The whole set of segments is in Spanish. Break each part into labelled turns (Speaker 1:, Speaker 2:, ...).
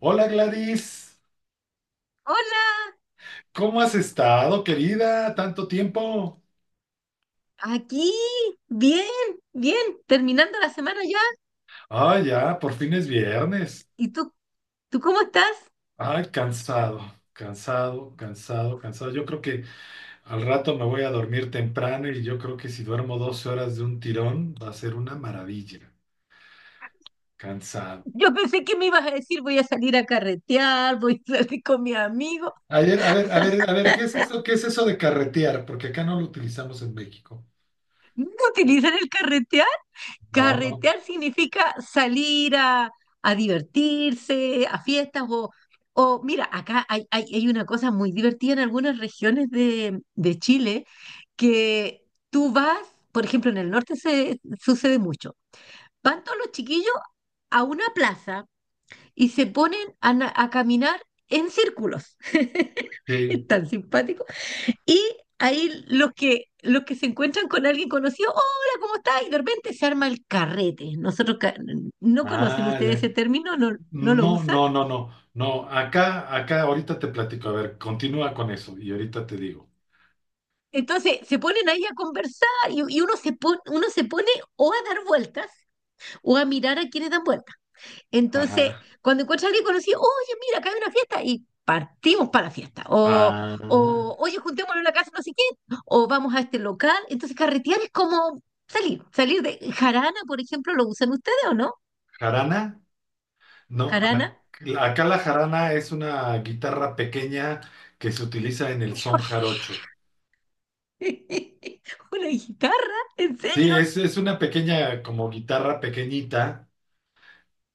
Speaker 1: Hola Gladys,
Speaker 2: Hola,
Speaker 1: ¿cómo has estado, querida? Tanto tiempo.
Speaker 2: aquí, bien, bien, terminando la semana ya.
Speaker 1: Ah, ya, por fin es viernes.
Speaker 2: ¿Y tú cómo estás?
Speaker 1: Ay, cansado, cansado, cansado, cansado. Yo creo que al rato me voy a dormir temprano y yo creo que si duermo 12 horas de un tirón va a ser una maravilla. Cansado.
Speaker 2: Yo pensé que me ibas a decir voy a salir a carretear, voy a salir con mi amigo.
Speaker 1: A ver, a ver, a ver, a ver, ¿qué es eso? ¿Qué es eso de carretear? Porque acá no lo utilizamos en México.
Speaker 2: ¿No utilizar el carretear?
Speaker 1: No, no.
Speaker 2: Carretear significa salir a divertirse, a fiestas o mira, acá hay, hay una cosa muy divertida en algunas regiones de Chile que tú vas, por ejemplo, en el norte se sucede mucho. Van todos los chiquillos a una plaza y se ponen a, a caminar en círculos.
Speaker 1: Sí.
Speaker 2: Es tan simpático. Y ahí los que se encuentran con alguien conocido, hola, ¿cómo estás? Y de repente se arma el carrete. No conocen
Speaker 1: Ah, ya.
Speaker 2: ustedes ese término, no, no lo
Speaker 1: No,
Speaker 2: usan.
Speaker 1: no, no, no, no. Acá, acá, ahorita te platico. A ver, continúa con eso y ahorita te digo.
Speaker 2: Entonces se ponen ahí a conversar y uno se pone o a dar vueltas o a mirar a quienes dan vueltas. Entonces,
Speaker 1: Ajá.
Speaker 2: cuando encuentras a alguien conocido, oye, mira, acá hay una fiesta y partimos para la fiesta.
Speaker 1: Ah,
Speaker 2: O oye, juntémonos en la casa, no sé qué, o vamos a este local. Entonces, carretear es como salir de jarana, por ejemplo, ¿lo usan ustedes o no?
Speaker 1: jarana. No, a-
Speaker 2: Jarana.
Speaker 1: Acá la jarana es una guitarra pequeña que se utiliza en el son jarocho.
Speaker 2: Una guitarra, ¿en
Speaker 1: Sí,
Speaker 2: serio?
Speaker 1: es una pequeña, como guitarra pequeñita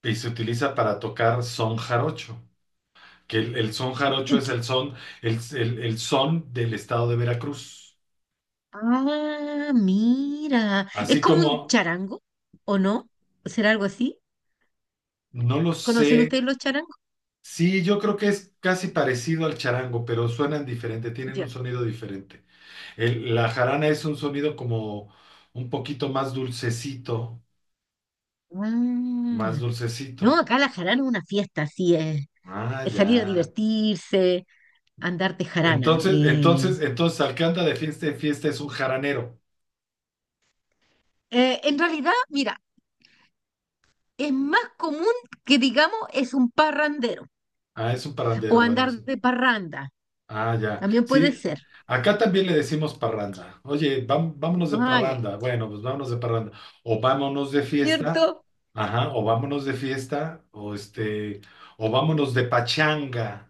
Speaker 1: y se utiliza para tocar son jarocho. Que el son jarocho
Speaker 2: ¿Y
Speaker 1: es
Speaker 2: qué?
Speaker 1: el son, el son del estado de Veracruz.
Speaker 2: Ah, mira, es
Speaker 1: Así
Speaker 2: como un
Speaker 1: como,
Speaker 2: charango, ¿o no? ¿Será algo así?
Speaker 1: no lo
Speaker 2: ¿Conocen
Speaker 1: sé.
Speaker 2: ustedes los charangos?
Speaker 1: Sí, yo creo que es casi parecido al charango, pero suenan diferente, tienen un
Speaker 2: Ya.
Speaker 1: sonido diferente. La jarana es un sonido como un poquito más dulcecito, más
Speaker 2: Ah. No,
Speaker 1: dulcecito.
Speaker 2: acá la jarana es una fiesta, así
Speaker 1: Ah,
Speaker 2: es salir a
Speaker 1: ya.
Speaker 2: divertirse, andar de jarana.
Speaker 1: Entonces, entonces, entonces, al que anda de fiesta en fiesta es un jaranero.
Speaker 2: En realidad, mira, es más común que digamos es un parrandero
Speaker 1: Ah, es un
Speaker 2: o
Speaker 1: parrandero, bueno,
Speaker 2: andar
Speaker 1: sí.
Speaker 2: de parranda,
Speaker 1: Ah, ya.
Speaker 2: también puede
Speaker 1: Sí,
Speaker 2: ser.
Speaker 1: acá también le decimos parranda. Oye, vámonos de
Speaker 2: Ah, ya,
Speaker 1: parranda. Bueno, pues vámonos de parranda. O vámonos de fiesta.
Speaker 2: ¿cierto?
Speaker 1: Ajá, o vámonos de fiesta. O o vámonos de pachanga.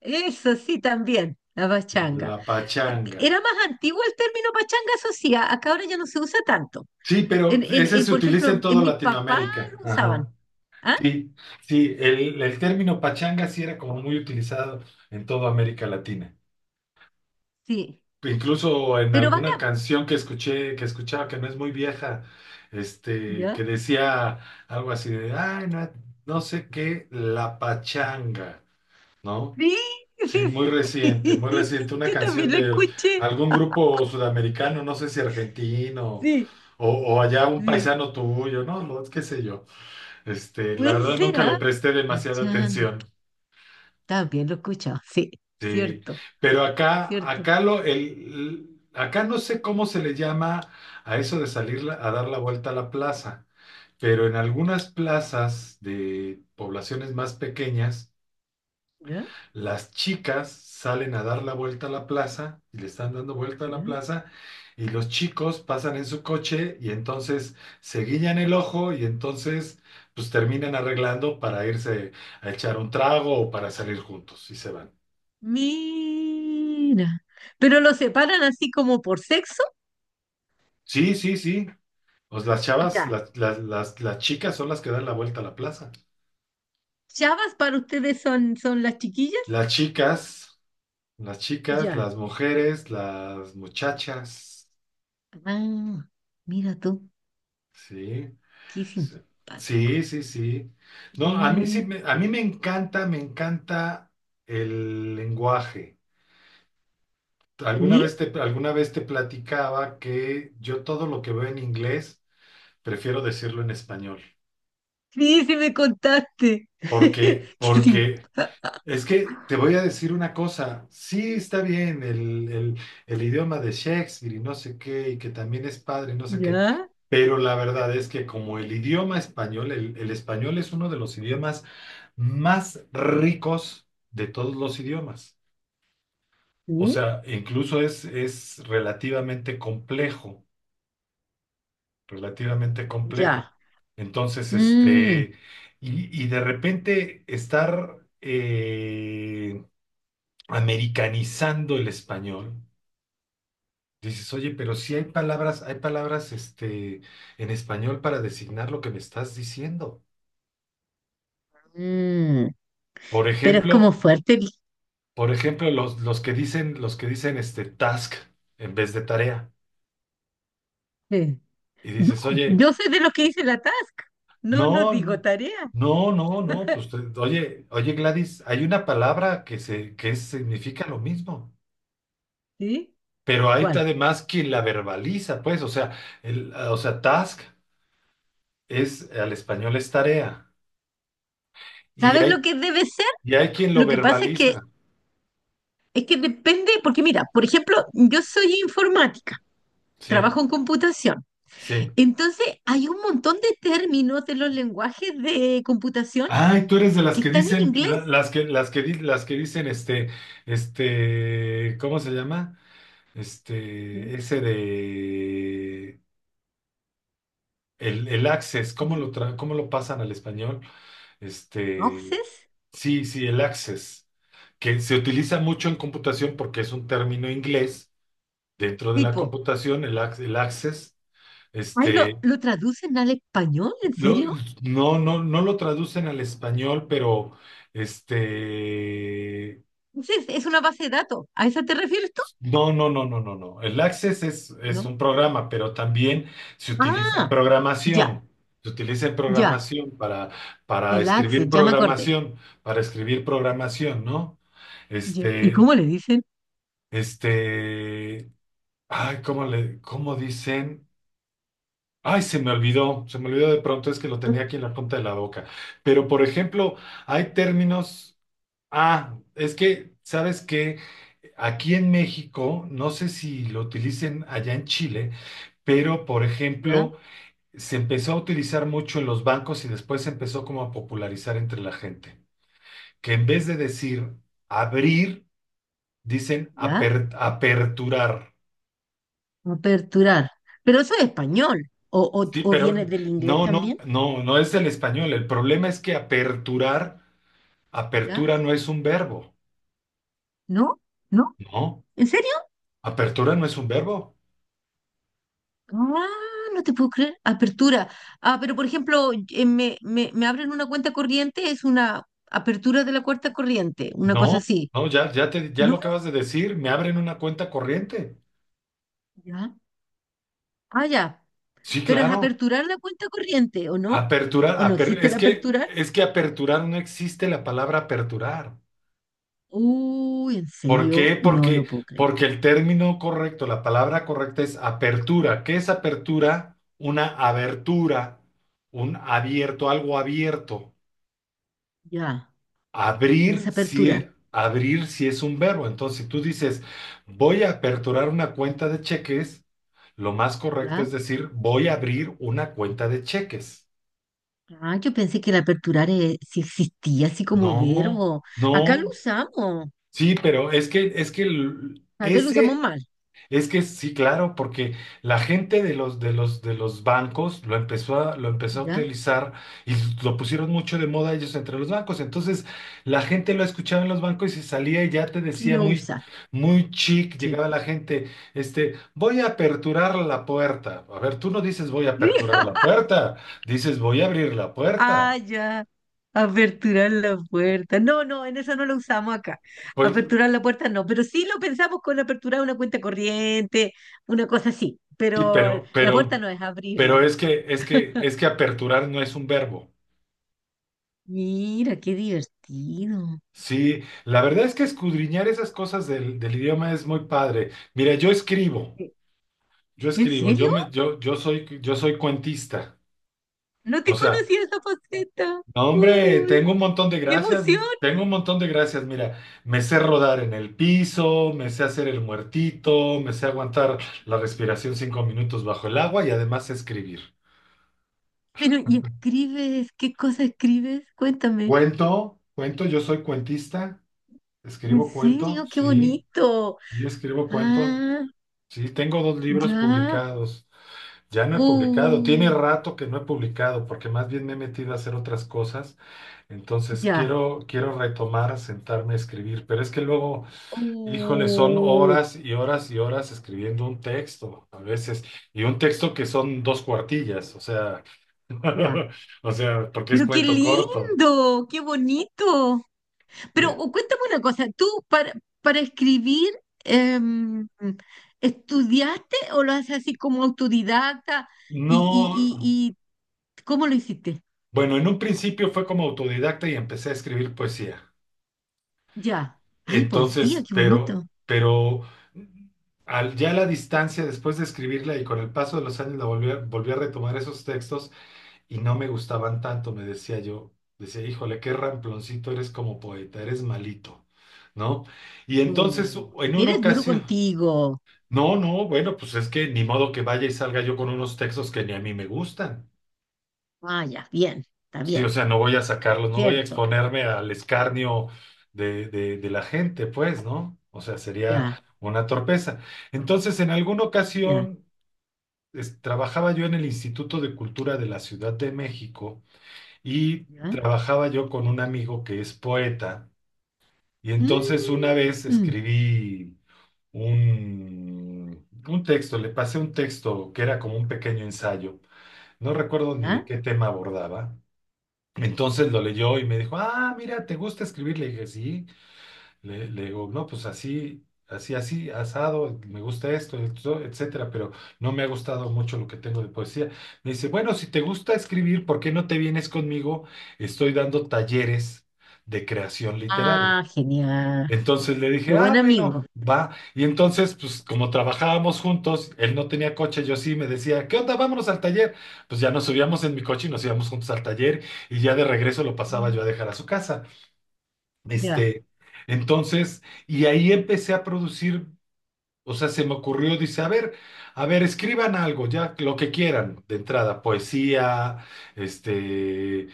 Speaker 2: Eso sí, también, la pachanga.
Speaker 1: La pachanga.
Speaker 2: Era más antiguo el término pachanga, eso sí, acá ahora ya no se usa tanto.
Speaker 1: Sí, pero ese
Speaker 2: En,
Speaker 1: se
Speaker 2: por
Speaker 1: utiliza en
Speaker 2: ejemplo, en
Speaker 1: toda
Speaker 2: mis papás
Speaker 1: Latinoamérica.
Speaker 2: lo usaban.
Speaker 1: Ajá.
Speaker 2: ¿Ah?
Speaker 1: Sí, sí, el término pachanga sí era como muy utilizado en toda América Latina.
Speaker 2: Sí,
Speaker 1: Incluso en
Speaker 2: pero
Speaker 1: alguna
Speaker 2: bacán,
Speaker 1: canción que escuché, que escuchaba, que no es muy vieja,
Speaker 2: ¿ya?
Speaker 1: que decía algo así de, ay, no, no sé qué, la pachanga, ¿no?
Speaker 2: Sí,
Speaker 1: Sí,
Speaker 2: sí,
Speaker 1: muy
Speaker 2: sí.
Speaker 1: reciente, una
Speaker 2: Yo
Speaker 1: canción
Speaker 2: también la
Speaker 1: de
Speaker 2: escuché.
Speaker 1: algún grupo sudamericano, no sé si argentino
Speaker 2: Sí,
Speaker 1: o allá un
Speaker 2: sí.
Speaker 1: paisano tuyo, ¿no? Qué sé yo. La
Speaker 2: Puede
Speaker 1: verdad
Speaker 2: ser,
Speaker 1: nunca le
Speaker 2: ¿ah?
Speaker 1: presté demasiada
Speaker 2: Pachán.
Speaker 1: atención.
Speaker 2: También lo he escuchado. Sí,
Speaker 1: Sí,
Speaker 2: cierto,
Speaker 1: pero acá,
Speaker 2: cierto.
Speaker 1: acá lo, el, acá no sé cómo se le llama a eso de salir a dar la vuelta a la plaza, pero en algunas plazas de poblaciones más pequeñas,
Speaker 2: ¿Ya?
Speaker 1: las chicas salen a dar la vuelta a la plaza y le están dando vuelta a la
Speaker 2: ¿Ya?
Speaker 1: plaza y los chicos pasan en su coche y entonces se guiñan el ojo y entonces pues terminan arreglando para irse a echar un trago o para salir juntos y se van.
Speaker 2: Mira. ¿Pero lo separan así como por sexo?
Speaker 1: Sí, sí, sí. Pues las chavas,
Speaker 2: Ya.
Speaker 1: las chicas son las que dan la vuelta a la plaza.
Speaker 2: ¿Chavas para ustedes son, son las chiquillas?
Speaker 1: Las chicas, las chicas, las
Speaker 2: Ya.
Speaker 1: mujeres, las muchachas.
Speaker 2: Ah, mira tú,
Speaker 1: Sí,
Speaker 2: qué simpático.
Speaker 1: sí, sí, sí, sí. No, a mí sí,
Speaker 2: Mm.
Speaker 1: me, a mí me encanta el lenguaje.
Speaker 2: ¿Y?
Speaker 1: Alguna vez te platicaba que yo todo lo que veo en inglés prefiero decirlo en español.
Speaker 2: Sí, sí me contaste.
Speaker 1: Porque,
Speaker 2: Qué
Speaker 1: porque
Speaker 2: simpático.
Speaker 1: es que te voy a decir una cosa, sí está bien el el idioma de Shakespeare y no sé qué, y que también es padre y no sé qué,
Speaker 2: ¿Ya?
Speaker 1: pero la verdad es que como el idioma español, el español es uno de los idiomas más ricos de todos los idiomas. O
Speaker 2: ¿Sí?
Speaker 1: sea, incluso es relativamente complejo, relativamente complejo.
Speaker 2: Ya.
Speaker 1: Entonces,
Speaker 2: Mm,
Speaker 1: y de repente estar... americanizando el español. Dices, oye, pero sí hay palabras en español para designar lo que me estás diciendo.
Speaker 2: mm.
Speaker 1: Por
Speaker 2: Pero es como
Speaker 1: ejemplo,
Speaker 2: fuerte.
Speaker 1: por ejemplo, los que dicen task en vez de tarea.
Speaker 2: Eh.
Speaker 1: Y
Speaker 2: No,
Speaker 1: dices, oye,
Speaker 2: yo sé de lo que dice la task. No, no
Speaker 1: no,
Speaker 2: digo
Speaker 1: no,
Speaker 2: tarea.
Speaker 1: no, no, no, pues oye, oye, Gladys, hay una palabra que se, que significa lo mismo.
Speaker 2: ¿Sí?
Speaker 1: Pero hay
Speaker 2: ¿Cuál?
Speaker 1: además quien la verbaliza, pues, o sea, el, o sea, task es, al español es tarea. Y
Speaker 2: ¿Sabes
Speaker 1: hay,
Speaker 2: lo que debe ser?
Speaker 1: y hay quien lo
Speaker 2: Lo que pasa
Speaker 1: verbaliza.
Speaker 2: es que depende, porque mira, por ejemplo, yo soy informática,
Speaker 1: Sí,
Speaker 2: trabajo en computación.
Speaker 1: sí.
Speaker 2: Entonces, hay un montón de términos de los lenguajes de computación
Speaker 1: Ay, tú eres de las
Speaker 2: que
Speaker 1: que
Speaker 2: están en
Speaker 1: dicen,
Speaker 2: inglés.
Speaker 1: las que, las que, las que dicen, ¿cómo se llama? Este,
Speaker 2: Sí.
Speaker 1: ese de el access, ¿cómo
Speaker 2: De-
Speaker 1: cómo lo pasan al español? Este,
Speaker 2: Entonces,
Speaker 1: sí, sí, el access, que se utiliza mucho en computación porque es un término inglés dentro de la
Speaker 2: tipo,
Speaker 1: computación, el, el access.
Speaker 2: ay,
Speaker 1: este,
Speaker 2: lo traducen al español, ¿en
Speaker 1: Lo-
Speaker 2: serio?
Speaker 1: no, no, no lo traducen al español, pero este,
Speaker 2: Sí, es una base de datos. ¿A esa te refieres tú?
Speaker 1: no, no, no, no, no, no. El Access es
Speaker 2: No.
Speaker 1: un programa, pero también se utiliza en
Speaker 2: Ah, ya,
Speaker 1: programación. Se utiliza en
Speaker 2: ya,
Speaker 1: programación
Speaker 2: el Access, ya me acordé.
Speaker 1: para escribir programación, ¿no?
Speaker 2: Ya. ¿Y
Speaker 1: Este,
Speaker 2: cómo le dicen?
Speaker 1: este, ay, ¿cómo le, cómo dicen? Ay, se me olvidó de pronto, es que lo tenía aquí en la punta de la boca. Pero, por ejemplo, hay términos. Ah, es que, ¿sabes que aquí en México, no sé si lo utilicen allá en Chile, pero por
Speaker 2: Ya,
Speaker 1: ejemplo, se empezó a utilizar mucho en los bancos y después se empezó como a popularizar entre la gente, que en vez de decir abrir, dicen
Speaker 2: ya,
Speaker 1: aperturar.
Speaker 2: aperturar. Pero eso es español.
Speaker 1: Sí,
Speaker 2: O
Speaker 1: pero
Speaker 2: viene del inglés
Speaker 1: no, no,
Speaker 2: también?
Speaker 1: no, no es el español. El problema es que aperturar,
Speaker 2: ¿Ya?
Speaker 1: apertura no es un verbo,
Speaker 2: ¿No? ¿No?
Speaker 1: ¿no?
Speaker 2: ¿En serio?
Speaker 1: Apertura no es un verbo.
Speaker 2: Ah, no te puedo creer. Apertura. Ah, pero por ejemplo, me abren una cuenta corriente, es una apertura de la cuenta corriente, una cosa
Speaker 1: No,
Speaker 2: así.
Speaker 1: no, ya, ya te, ya lo
Speaker 2: ¿No?
Speaker 1: acabas de decir, me abren una cuenta corriente.
Speaker 2: Ya. Ah, ya.
Speaker 1: Sí,
Speaker 2: Pero es
Speaker 1: claro.
Speaker 2: aperturar la cuenta corriente, ¿o no?
Speaker 1: Aperturar,
Speaker 2: ¿O no existe el aperturar?
Speaker 1: es que aperturar no existe la palabra aperturar.
Speaker 2: Uy, en
Speaker 1: ¿Por
Speaker 2: serio,
Speaker 1: qué?
Speaker 2: no lo puedo creer.
Speaker 1: Porque el término correcto, la palabra correcta es apertura. ¿Qué es apertura? Una abertura, un abierto, algo abierto.
Speaker 2: Ya, no es
Speaker 1: Abrir si,
Speaker 2: aperturar,
Speaker 1: abrir si es un verbo. Entonces, si tú dices, voy a aperturar una cuenta de cheques, lo más correcto
Speaker 2: ¿ya?
Speaker 1: es decir, voy a abrir una cuenta de cheques.
Speaker 2: Ah, yo pensé que el aperturar sí existía así como
Speaker 1: No,
Speaker 2: verbo. Acá lo
Speaker 1: no.
Speaker 2: usamos,
Speaker 1: Sí, pero es que
Speaker 2: tal vez lo usamos
Speaker 1: ese
Speaker 2: mal,
Speaker 1: es que sí, claro, porque la gente de los, de los, de los bancos lo empezó a
Speaker 2: ¿ya?
Speaker 1: utilizar y lo pusieron mucho de moda ellos entre los bancos. Entonces, la gente lo escuchaba en los bancos y se salía y ya te
Speaker 2: Y
Speaker 1: decía
Speaker 2: lo
Speaker 1: muy,
Speaker 2: usa,
Speaker 1: muy chic,
Speaker 2: sí.
Speaker 1: llegaba la gente, voy a aperturar la puerta. A ver, tú no dices voy a aperturar la puerta, dices voy a abrir la puerta.
Speaker 2: Ah, ya. Aperturar la puerta. No, no, en eso no lo usamos acá.
Speaker 1: Pues
Speaker 2: Aperturar la puerta no, pero sí lo pensamos con aperturar una cuenta corriente, una cosa así.
Speaker 1: sí,
Speaker 2: Pero la puerta no es
Speaker 1: pero
Speaker 2: abrirla.
Speaker 1: es que, es que, es que aperturar no es un verbo.
Speaker 2: Mira, qué divertido.
Speaker 1: Sí, la verdad es que escudriñar esas cosas del idioma es muy padre. Mira, yo escribo,
Speaker 2: Eh,
Speaker 1: yo
Speaker 2: ¿En
Speaker 1: escribo, yo
Speaker 2: serio?
Speaker 1: me, yo, yo soy cuentista.
Speaker 2: No
Speaker 1: O
Speaker 2: te
Speaker 1: sea,
Speaker 2: conocía esa faceta.
Speaker 1: no, hombre,
Speaker 2: Uy,
Speaker 1: tengo un montón de
Speaker 2: qué
Speaker 1: gracias,
Speaker 2: emoción.
Speaker 1: tengo un montón de gracias. Mira, me sé rodar en el piso, me sé hacer el muertito, me sé aguantar la respiración 5 minutos bajo el agua y además sé escribir.
Speaker 2: Pero, ¿y escribes? ¿Qué cosa escribes? Cuéntame.
Speaker 1: Cuento, cuento, yo soy cuentista,
Speaker 2: ¿En
Speaker 1: escribo cuento,
Speaker 2: serio? ¡Qué
Speaker 1: sí,
Speaker 2: bonito!
Speaker 1: y escribo cuento,
Speaker 2: Ah,
Speaker 1: sí, tengo 2 libros
Speaker 2: ya.
Speaker 1: publicados. Ya no he publicado, tiene
Speaker 2: Uh,
Speaker 1: rato que no he publicado porque más bien me he metido a hacer otras cosas, entonces
Speaker 2: ya.
Speaker 1: quiero, quiero retomar, sentarme a escribir, pero es que luego, híjole, son
Speaker 2: Oh,
Speaker 1: horas y horas y horas escribiendo un texto a veces, y un texto que son 2 cuartillas, o sea,
Speaker 2: ya.
Speaker 1: o sea, porque es
Speaker 2: Pero qué
Speaker 1: cuento corto.
Speaker 2: lindo, qué bonito. Pero
Speaker 1: Eh,
Speaker 2: o cuéntame una cosa, para escribir em, ¿estudiaste o lo haces así como autodidacta? ¿Y, y,
Speaker 1: no,
Speaker 2: y, ¿y cómo lo hiciste?
Speaker 1: bueno, en un principio fue como autodidacta y empecé a escribir poesía.
Speaker 2: Ya. Ay, poesía,
Speaker 1: Entonces,
Speaker 2: qué bonito.
Speaker 1: pero ya a la distancia, después de escribirla y con el paso de los años, volví a retomar esos textos y no me gustaban tanto, me decía yo. Decía, híjole, qué ramploncito eres como poeta, eres malito, ¿no? Y entonces,
Speaker 2: Oh,
Speaker 1: en una
Speaker 2: eres duro
Speaker 1: ocasión,
Speaker 2: contigo.
Speaker 1: no, no, bueno, pues es que ni modo que vaya y salga yo con unos textos que ni a mí me gustan.
Speaker 2: Ah, ya, bien, está
Speaker 1: Sí, o
Speaker 2: bien,
Speaker 1: sea, no voy a sacarlos, no voy a
Speaker 2: cierto.
Speaker 1: exponerme al escarnio de la gente, pues, ¿no? O sea, sería
Speaker 2: Ya,
Speaker 1: una torpeza. Entonces, en alguna
Speaker 2: ya,
Speaker 1: ocasión, trabajaba yo en el Instituto de Cultura de la Ciudad de México y
Speaker 2: ya.
Speaker 1: trabajaba yo con un amigo que es poeta. Y entonces una
Speaker 2: Mm,
Speaker 1: vez
Speaker 2: mm,
Speaker 1: escribí un texto, le pasé un texto que era como un pequeño ensayo. No recuerdo ni de
Speaker 2: ya.
Speaker 1: qué tema abordaba. Entonces lo leyó y me dijo, ah, mira, ¿te gusta escribir? Le dije, sí. Le digo, no, pues así, así, así, asado, me gusta esto, esto, etcétera, pero no me ha gustado mucho lo que tengo de poesía. Me dice, bueno, si te gusta escribir, ¿por qué no te vienes conmigo? Estoy dando talleres de creación literaria.
Speaker 2: Ah, genial.
Speaker 1: Entonces le
Speaker 2: Qué
Speaker 1: dije, ah,
Speaker 2: buen
Speaker 1: bueno,
Speaker 2: amigo.
Speaker 1: va. Y entonces, pues como trabajábamos juntos, él no tenía coche, yo sí, me decía, ¿qué onda? Vámonos al taller. Pues ya nos subíamos en mi coche y nos íbamos juntos al taller y ya de regreso lo pasaba
Speaker 2: Mm.
Speaker 1: yo a dejar a su casa.
Speaker 2: Ya.
Speaker 1: Este, entonces, y ahí empecé a producir. O sea, se me ocurrió, dice, a ver, escriban algo, ya, lo que quieran, de entrada, poesía, este,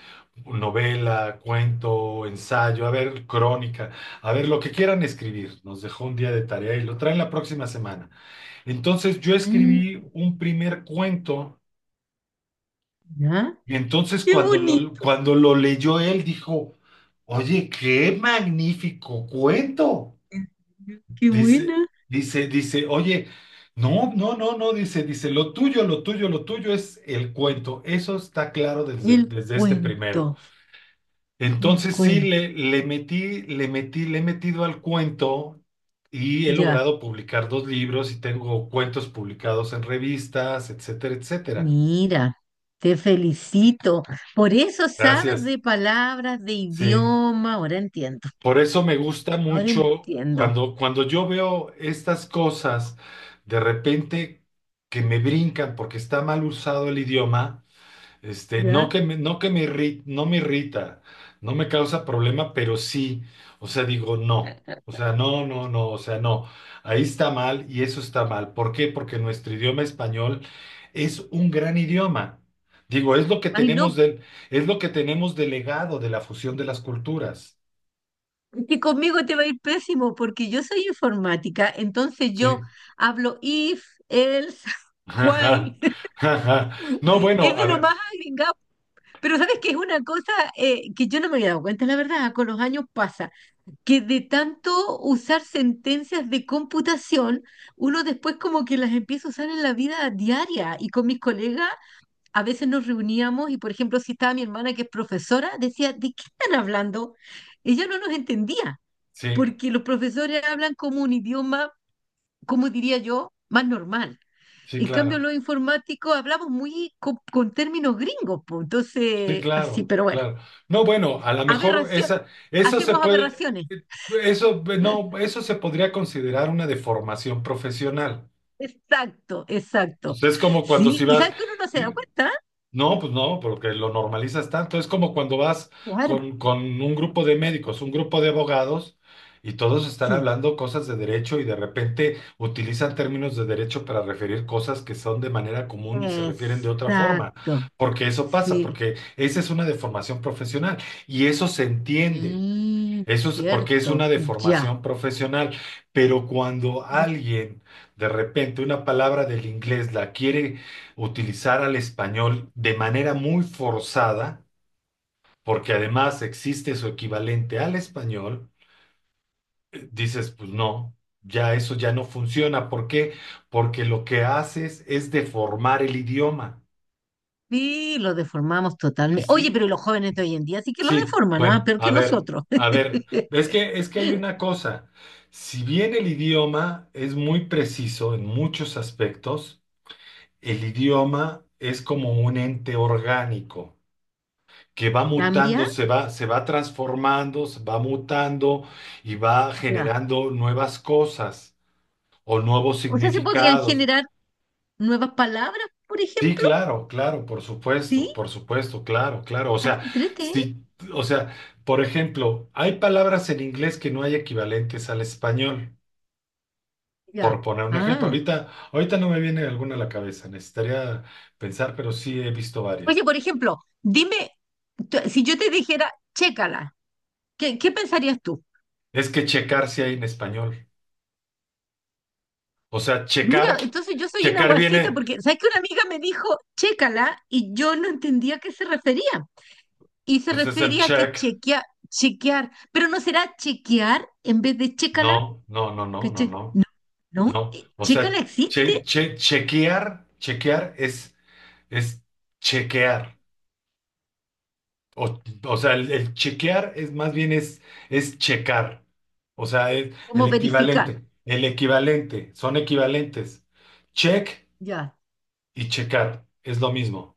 Speaker 1: novela, cuento, ensayo, a ver, crónica, a ver, lo que quieran escribir. Nos dejó un día de tarea y lo traen la próxima semana. Entonces yo
Speaker 2: Mm,
Speaker 1: escribí un primer cuento
Speaker 2: ya.
Speaker 1: y entonces
Speaker 2: Qué bonito.
Speaker 1: cuando lo leyó él dijo, oye, qué magnífico cuento.
Speaker 2: En serio, qué
Speaker 1: Dice,
Speaker 2: buena.
Speaker 1: dice, oye, no, no, no, no, dice, dice, lo tuyo, lo tuyo, lo tuyo es el cuento. Eso está claro desde,
Speaker 2: El
Speaker 1: desde este primero.
Speaker 2: cuento. El
Speaker 1: Entonces sí,
Speaker 2: cuento.
Speaker 1: le he metido al cuento y he
Speaker 2: Ya.
Speaker 1: logrado publicar 2 libros y tengo cuentos publicados en revistas, etcétera, etcétera.
Speaker 2: Mira. Te felicito. Por eso sabes
Speaker 1: Gracias.
Speaker 2: de palabras, de
Speaker 1: Sí.
Speaker 2: idioma. Ahora entiendo.
Speaker 1: Por eso me gusta
Speaker 2: Ahora
Speaker 1: mucho
Speaker 2: entiendo.
Speaker 1: cuando yo veo estas cosas de repente que me brincan porque está mal usado el idioma,
Speaker 2: ¿Ya?
Speaker 1: no me irrita, no me causa problema, pero sí, o sea, digo no, o sea, no, no, no, o sea, no, ahí está mal y eso está mal. ¿Por qué? Porque nuestro idioma español es un gran idioma. Digo,
Speaker 2: Ay, no,
Speaker 1: es lo que tenemos delegado de legado de la fusión de las culturas,
Speaker 2: es que conmigo te va a ir pésimo porque yo soy informática, entonces yo
Speaker 1: ¿sí?
Speaker 2: hablo if, else,
Speaker 1: Ajá,
Speaker 2: while.
Speaker 1: ajá. No, bueno,
Speaker 2: Es de
Speaker 1: a
Speaker 2: lo
Speaker 1: ver,
Speaker 2: más agringado. Pero sabes que es una cosa que yo no me había dado cuenta, la verdad, con los años pasa, que de tanto usar sentencias de computación, uno después como que las empieza a usar en la vida diaria. Y con mis colegas a veces nos reuníamos y, por ejemplo, si estaba mi hermana que es profesora, decía, ¿de qué están hablando? Ella no nos entendía,
Speaker 1: sí,
Speaker 2: porque los profesores hablan como un idioma, como diría yo, más normal.
Speaker 1: sí,
Speaker 2: En cambio,
Speaker 1: claro,
Speaker 2: los informáticos hablamos muy con términos gringos, pues,
Speaker 1: sí,
Speaker 2: entonces, así,
Speaker 1: claro,
Speaker 2: pero bueno.
Speaker 1: claro. No, bueno, a lo mejor
Speaker 2: Aberración.
Speaker 1: esa, eso se
Speaker 2: Hacemos
Speaker 1: puede,
Speaker 2: aberraciones.
Speaker 1: eso, no, eso se podría considerar una deformación profesional.
Speaker 2: Exacto, exacto.
Speaker 1: Entonces, es como cuando si
Speaker 2: Sí, y
Speaker 1: vas,
Speaker 2: sabes que uno no se da cuenta, ¿eh?
Speaker 1: no, pues no, porque lo normalizas tanto. Es como cuando vas
Speaker 2: Claro.
Speaker 1: con un grupo de médicos, un grupo de abogados, y todos están
Speaker 2: Sí.
Speaker 1: hablando cosas de derecho y de repente utilizan términos de derecho para referir cosas que son de manera común y se refieren de otra forma.
Speaker 2: Exacto.
Speaker 1: Porque eso pasa,
Speaker 2: Sí.
Speaker 1: porque esa es una deformación profesional y eso se entiende.
Speaker 2: Mm,
Speaker 1: Eso es porque es una
Speaker 2: cierto. Ya.
Speaker 1: deformación profesional, pero cuando
Speaker 2: Ya.
Speaker 1: alguien de repente una palabra del inglés la quiere utilizar al español de manera muy forzada, porque además existe su equivalente al español, dices, pues no, ya eso ya no funciona. ¿Por qué? Porque lo que haces es deformar el idioma.
Speaker 2: Sí, lo deformamos
Speaker 1: Y
Speaker 2: totalmente. Oye,
Speaker 1: si,
Speaker 2: pero los jóvenes de hoy en día sí que lo
Speaker 1: Sí,
Speaker 2: deforman, ¿ah?
Speaker 1: bueno,
Speaker 2: Peor que nosotros.
Speaker 1: a ver, es que, es que hay una cosa, si bien el idioma es muy preciso en muchos aspectos, el idioma es como un ente orgánico que va
Speaker 2: ¿Cambia?
Speaker 1: mutando, se va transformando, se va mutando y va
Speaker 2: Ya.
Speaker 1: generando nuevas cosas o nuevos
Speaker 2: O sea, se podrían
Speaker 1: significados.
Speaker 2: generar nuevas palabras, por
Speaker 1: Sí,
Speaker 2: ejemplo.
Speaker 1: claro, claro,
Speaker 2: ¿Sí?
Speaker 1: por supuesto, claro, claro. O
Speaker 2: Ah, qué
Speaker 1: sea,
Speaker 2: entrete, ¿eh?
Speaker 1: sí, o sea, por ejemplo, hay palabras en inglés que no hay equivalentes al español, por
Speaker 2: Ya.
Speaker 1: poner un ejemplo.
Speaker 2: Ah.
Speaker 1: Ahorita no me viene alguna a la cabeza, necesitaría pensar, pero sí he visto varias.
Speaker 2: Oye, por ejemplo, dime, si yo te dijera, chécala, ¿qué, qué pensarías tú?
Speaker 1: Es que checar sí hay en español. O sea,
Speaker 2: Mira, entonces yo soy una
Speaker 1: checar
Speaker 2: guasita
Speaker 1: viene,
Speaker 2: porque, ¿sabes que una amiga me dijo, chécala? Y yo no entendía a qué se refería. Y se
Speaker 1: pues es el
Speaker 2: refería a que
Speaker 1: check.
Speaker 2: chequea, chequear, pero no será chequear en vez de chécala,
Speaker 1: No, no, no, no, no,
Speaker 2: ¿cachai?
Speaker 1: no,
Speaker 2: No, no,
Speaker 1: no. O sea,
Speaker 2: chécala existe
Speaker 1: chequear es chequear. O sea, el chequear es más bien es checar. O sea, es el
Speaker 2: como verificar,
Speaker 1: equivalente. El equivalente. Son equivalentes. Check
Speaker 2: ya.
Speaker 1: y checar. Es lo mismo.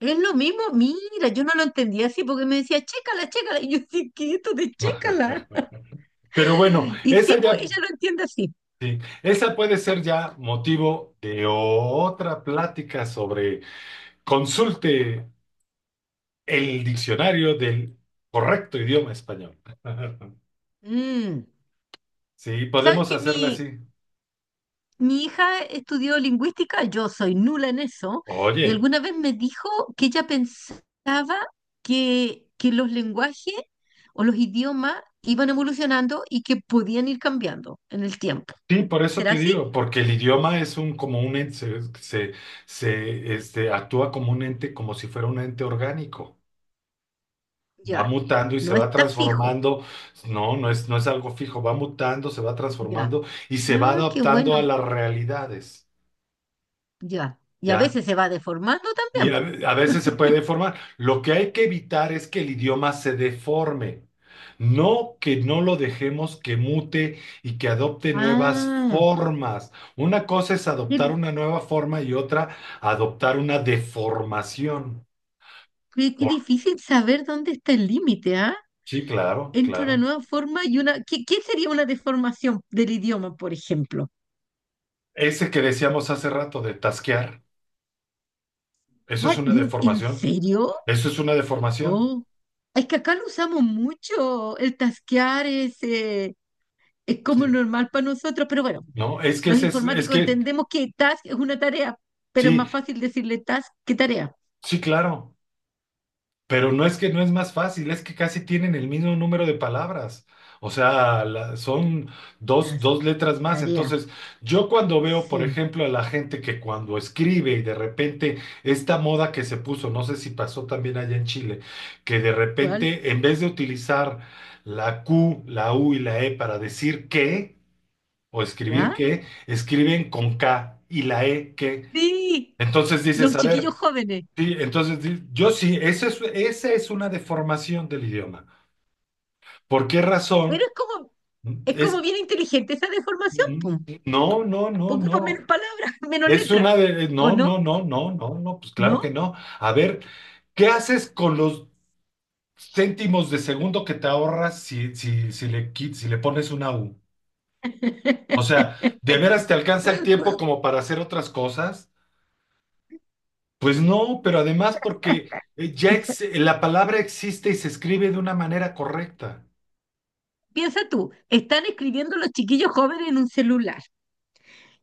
Speaker 2: Es lo mismo, mira, yo no lo entendía así porque me decía, chécala, chécala. Y yo decía, ¿qué es esto de chécala?
Speaker 1: Pero bueno,
Speaker 2: Y sí,
Speaker 1: esa ya,
Speaker 2: pues ella lo entiende así.
Speaker 1: sí, esa puede ser ya motivo de otra plática sobre consulte el diccionario del correcto idioma español.
Speaker 2: Mm.
Speaker 1: Sí,
Speaker 2: ¿Sabes
Speaker 1: podemos
Speaker 2: que
Speaker 1: hacerla así.
Speaker 2: mi hija estudió lingüística? Yo soy nula en eso. Y
Speaker 1: Oye.
Speaker 2: alguna vez me dijo que ella pensaba que los lenguajes o los idiomas iban evolucionando y que podían ir cambiando en el tiempo.
Speaker 1: Sí, por eso
Speaker 2: ¿Será
Speaker 1: te
Speaker 2: así?
Speaker 1: digo, porque el idioma es un como un ente, actúa como un ente, como si fuera un ente orgánico. Va
Speaker 2: Ya.
Speaker 1: mutando y se
Speaker 2: No
Speaker 1: va
Speaker 2: está fijo.
Speaker 1: transformando. No es algo fijo, va mutando, se va
Speaker 2: Ya.
Speaker 1: transformando y se va
Speaker 2: Ah, qué
Speaker 1: adaptando a
Speaker 2: bueno.
Speaker 1: las realidades,
Speaker 2: Ya. Y a
Speaker 1: ¿ya?
Speaker 2: veces se va deformando
Speaker 1: Y
Speaker 2: también. Po.
Speaker 1: a veces se puede deformar. Lo que hay que evitar es que el idioma se deforme, no que no lo dejemos que mute y que adopte nuevas
Speaker 2: Ah,
Speaker 1: formas. Una cosa es adoptar
Speaker 2: qué,
Speaker 1: una nueva forma y otra adoptar una deformación.
Speaker 2: qué
Speaker 1: Por-
Speaker 2: difícil saber dónde está el límite, ¿ah?
Speaker 1: Sí, claro,
Speaker 2: Entre una
Speaker 1: claro.
Speaker 2: nueva forma y una... ¿Qué, qué sería una deformación del idioma, por ejemplo?
Speaker 1: Ese que decíamos hace rato de tasquear, eso es
Speaker 2: Ah,
Speaker 1: una
Speaker 2: no, ¿en
Speaker 1: deformación.
Speaker 2: serio?
Speaker 1: Eso es una deformación.
Speaker 2: Oh, es que acá lo usamos mucho. El tasquear es como
Speaker 1: Sí.
Speaker 2: normal para nosotros, pero bueno,
Speaker 1: No, es que
Speaker 2: los
Speaker 1: ese es
Speaker 2: informáticos
Speaker 1: que,
Speaker 2: entendemos que task es una tarea, pero es
Speaker 1: sí,
Speaker 2: más fácil decirle task que tarea.
Speaker 1: sí, claro. Pero no es que no es más fácil, es que casi tienen el mismo número de palabras. O sea, son dos, dos
Speaker 2: Task,
Speaker 1: letras más.
Speaker 2: tarea,
Speaker 1: Entonces, yo cuando veo, por
Speaker 2: sí.
Speaker 1: ejemplo, a la gente que cuando escribe y de repente esta moda que se puso, no sé si pasó también allá en Chile, que de
Speaker 2: ¿Cuál?
Speaker 1: repente en vez de utilizar la Q, la U y la E para decir que o escribir
Speaker 2: ¿Ya?
Speaker 1: que, escriben con K y la E que.
Speaker 2: Sí,
Speaker 1: Entonces dices,
Speaker 2: los
Speaker 1: a ver.
Speaker 2: chiquillos jóvenes.
Speaker 1: Sí, entonces yo sí, esa es una deformación del idioma. ¿Por qué
Speaker 2: Pero
Speaker 1: razón?
Speaker 2: es como
Speaker 1: Es,
Speaker 2: bien inteligente esa deformación, pum.
Speaker 1: no, no, no,
Speaker 2: Ocupa
Speaker 1: no.
Speaker 2: menos palabras, menos
Speaker 1: Es
Speaker 2: letras,
Speaker 1: una de,
Speaker 2: ¿o
Speaker 1: no, no,
Speaker 2: no?
Speaker 1: no, no, no, no, pues claro que
Speaker 2: ¿No?
Speaker 1: no. A ver, ¿qué haces con los céntimos de segundo que te ahorras si le pones una U? O sea, ¿de veras te alcanza el tiempo como para hacer otras cosas? Pues no, pero además porque la palabra existe y se escribe de una manera correcta.
Speaker 2: Piensa tú, están escribiendo los chiquillos jóvenes en un celular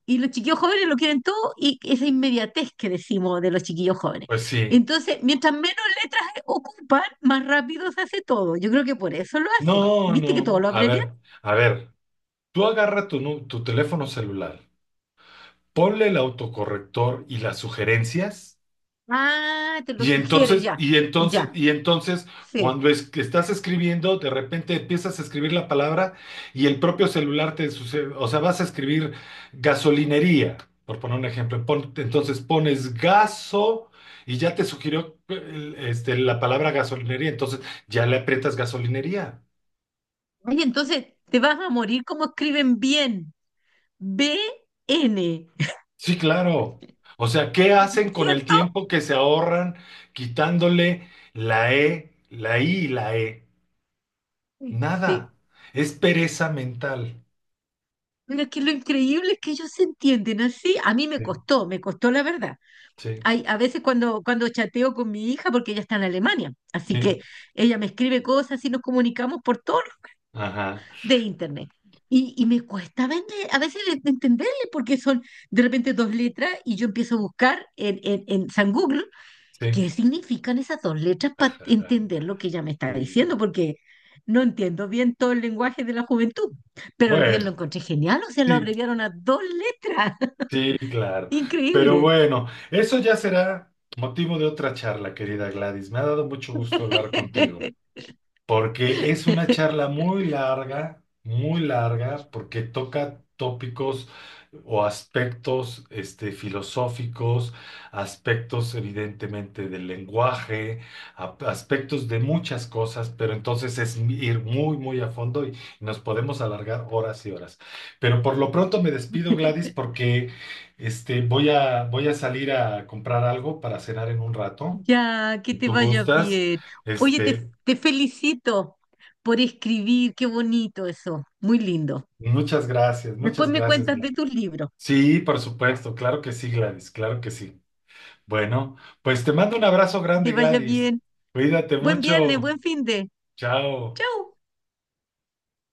Speaker 2: y los chiquillos jóvenes lo quieren todo y esa inmediatez que decimos de los chiquillos jóvenes.
Speaker 1: Pues sí.
Speaker 2: Entonces, mientras menos letras ocupan, más rápido se hace todo. Yo creo que por eso lo hacen.
Speaker 1: No,
Speaker 2: ¿Viste que todo
Speaker 1: no.
Speaker 2: lo
Speaker 1: A
Speaker 2: abrevian?
Speaker 1: ver, a ver. Tú agarra tu teléfono celular, ponle el autocorrector y las sugerencias,
Speaker 2: Ah, te lo
Speaker 1: y
Speaker 2: sugiere
Speaker 1: entonces,
Speaker 2: ya,
Speaker 1: y entonces,
Speaker 2: ya,
Speaker 1: y entonces,
Speaker 2: sí.
Speaker 1: cuando es que estás escribiendo, de repente empiezas a escribir la palabra y el propio celular te sucede, o sea, vas a escribir gasolinería, por poner un ejemplo. Entonces pones gaso y ya te sugirió la palabra gasolinería, entonces ya le aprietas gasolinería.
Speaker 2: Oye, entonces te vas a morir como escriben bien. B-N.
Speaker 1: Sí, claro. O sea, ¿qué hacen con el
Speaker 2: ¿Cierto?
Speaker 1: tiempo que se ahorran quitándole la E, la I y la E?
Speaker 2: Sí.
Speaker 1: Nada. Es pereza mental.
Speaker 2: Pero es que lo increíble es que ellos se entienden así. A mí
Speaker 1: Sí,
Speaker 2: me costó la verdad.
Speaker 1: sí,
Speaker 2: Hay, a veces cuando chateo con mi hija, porque ella está en Alemania, así
Speaker 1: sí.
Speaker 2: que ella me escribe cosas y nos comunicamos por todo
Speaker 1: Ajá,
Speaker 2: de internet. Y me cuesta a veces de entenderle porque son de repente dos letras y yo empiezo a buscar en San Google.
Speaker 1: sí,
Speaker 2: ¿Qué significan esas dos letras para
Speaker 1: ajá,
Speaker 2: entender lo que ella me está
Speaker 1: sí.
Speaker 2: diciendo? Porque no entiendo bien todo el lenguaje de la juventud, pero el bien
Speaker 1: Bueno,
Speaker 2: lo encontré genial, o sea, lo
Speaker 1: sí,
Speaker 2: abreviaron a dos letras.
Speaker 1: sí, claro.
Speaker 2: Increíble.
Speaker 1: Pero bueno, eso ya será motivo de otra charla, querida Gladys. Me ha dado mucho gusto hablar contigo. Porque es una charla muy larga, porque toca tópicos o aspectos filosóficos, aspectos evidentemente del lenguaje, aspectos de muchas cosas, pero entonces es ir muy, muy a fondo y nos podemos alargar horas y horas. Pero por lo pronto me despido, Gladys, porque voy a salir a comprar algo para cenar en un rato.
Speaker 2: Ya, que
Speaker 1: Si
Speaker 2: te
Speaker 1: tú
Speaker 2: vaya
Speaker 1: gustas,
Speaker 2: bien. Oye,
Speaker 1: este,
Speaker 2: te felicito por escribir, qué bonito eso, muy lindo.
Speaker 1: muchas gracias,
Speaker 2: Después
Speaker 1: muchas
Speaker 2: me
Speaker 1: gracias,
Speaker 2: cuentas de
Speaker 1: Gladys.
Speaker 2: tus libros.
Speaker 1: Sí, por supuesto, claro que sí, Gladys, claro que sí. Bueno, pues te mando un abrazo
Speaker 2: Que te
Speaker 1: grande,
Speaker 2: vaya
Speaker 1: Gladys.
Speaker 2: bien.
Speaker 1: Cuídate
Speaker 2: Buen viernes,
Speaker 1: mucho.
Speaker 2: buen fin de.
Speaker 1: Chao.
Speaker 2: Chau.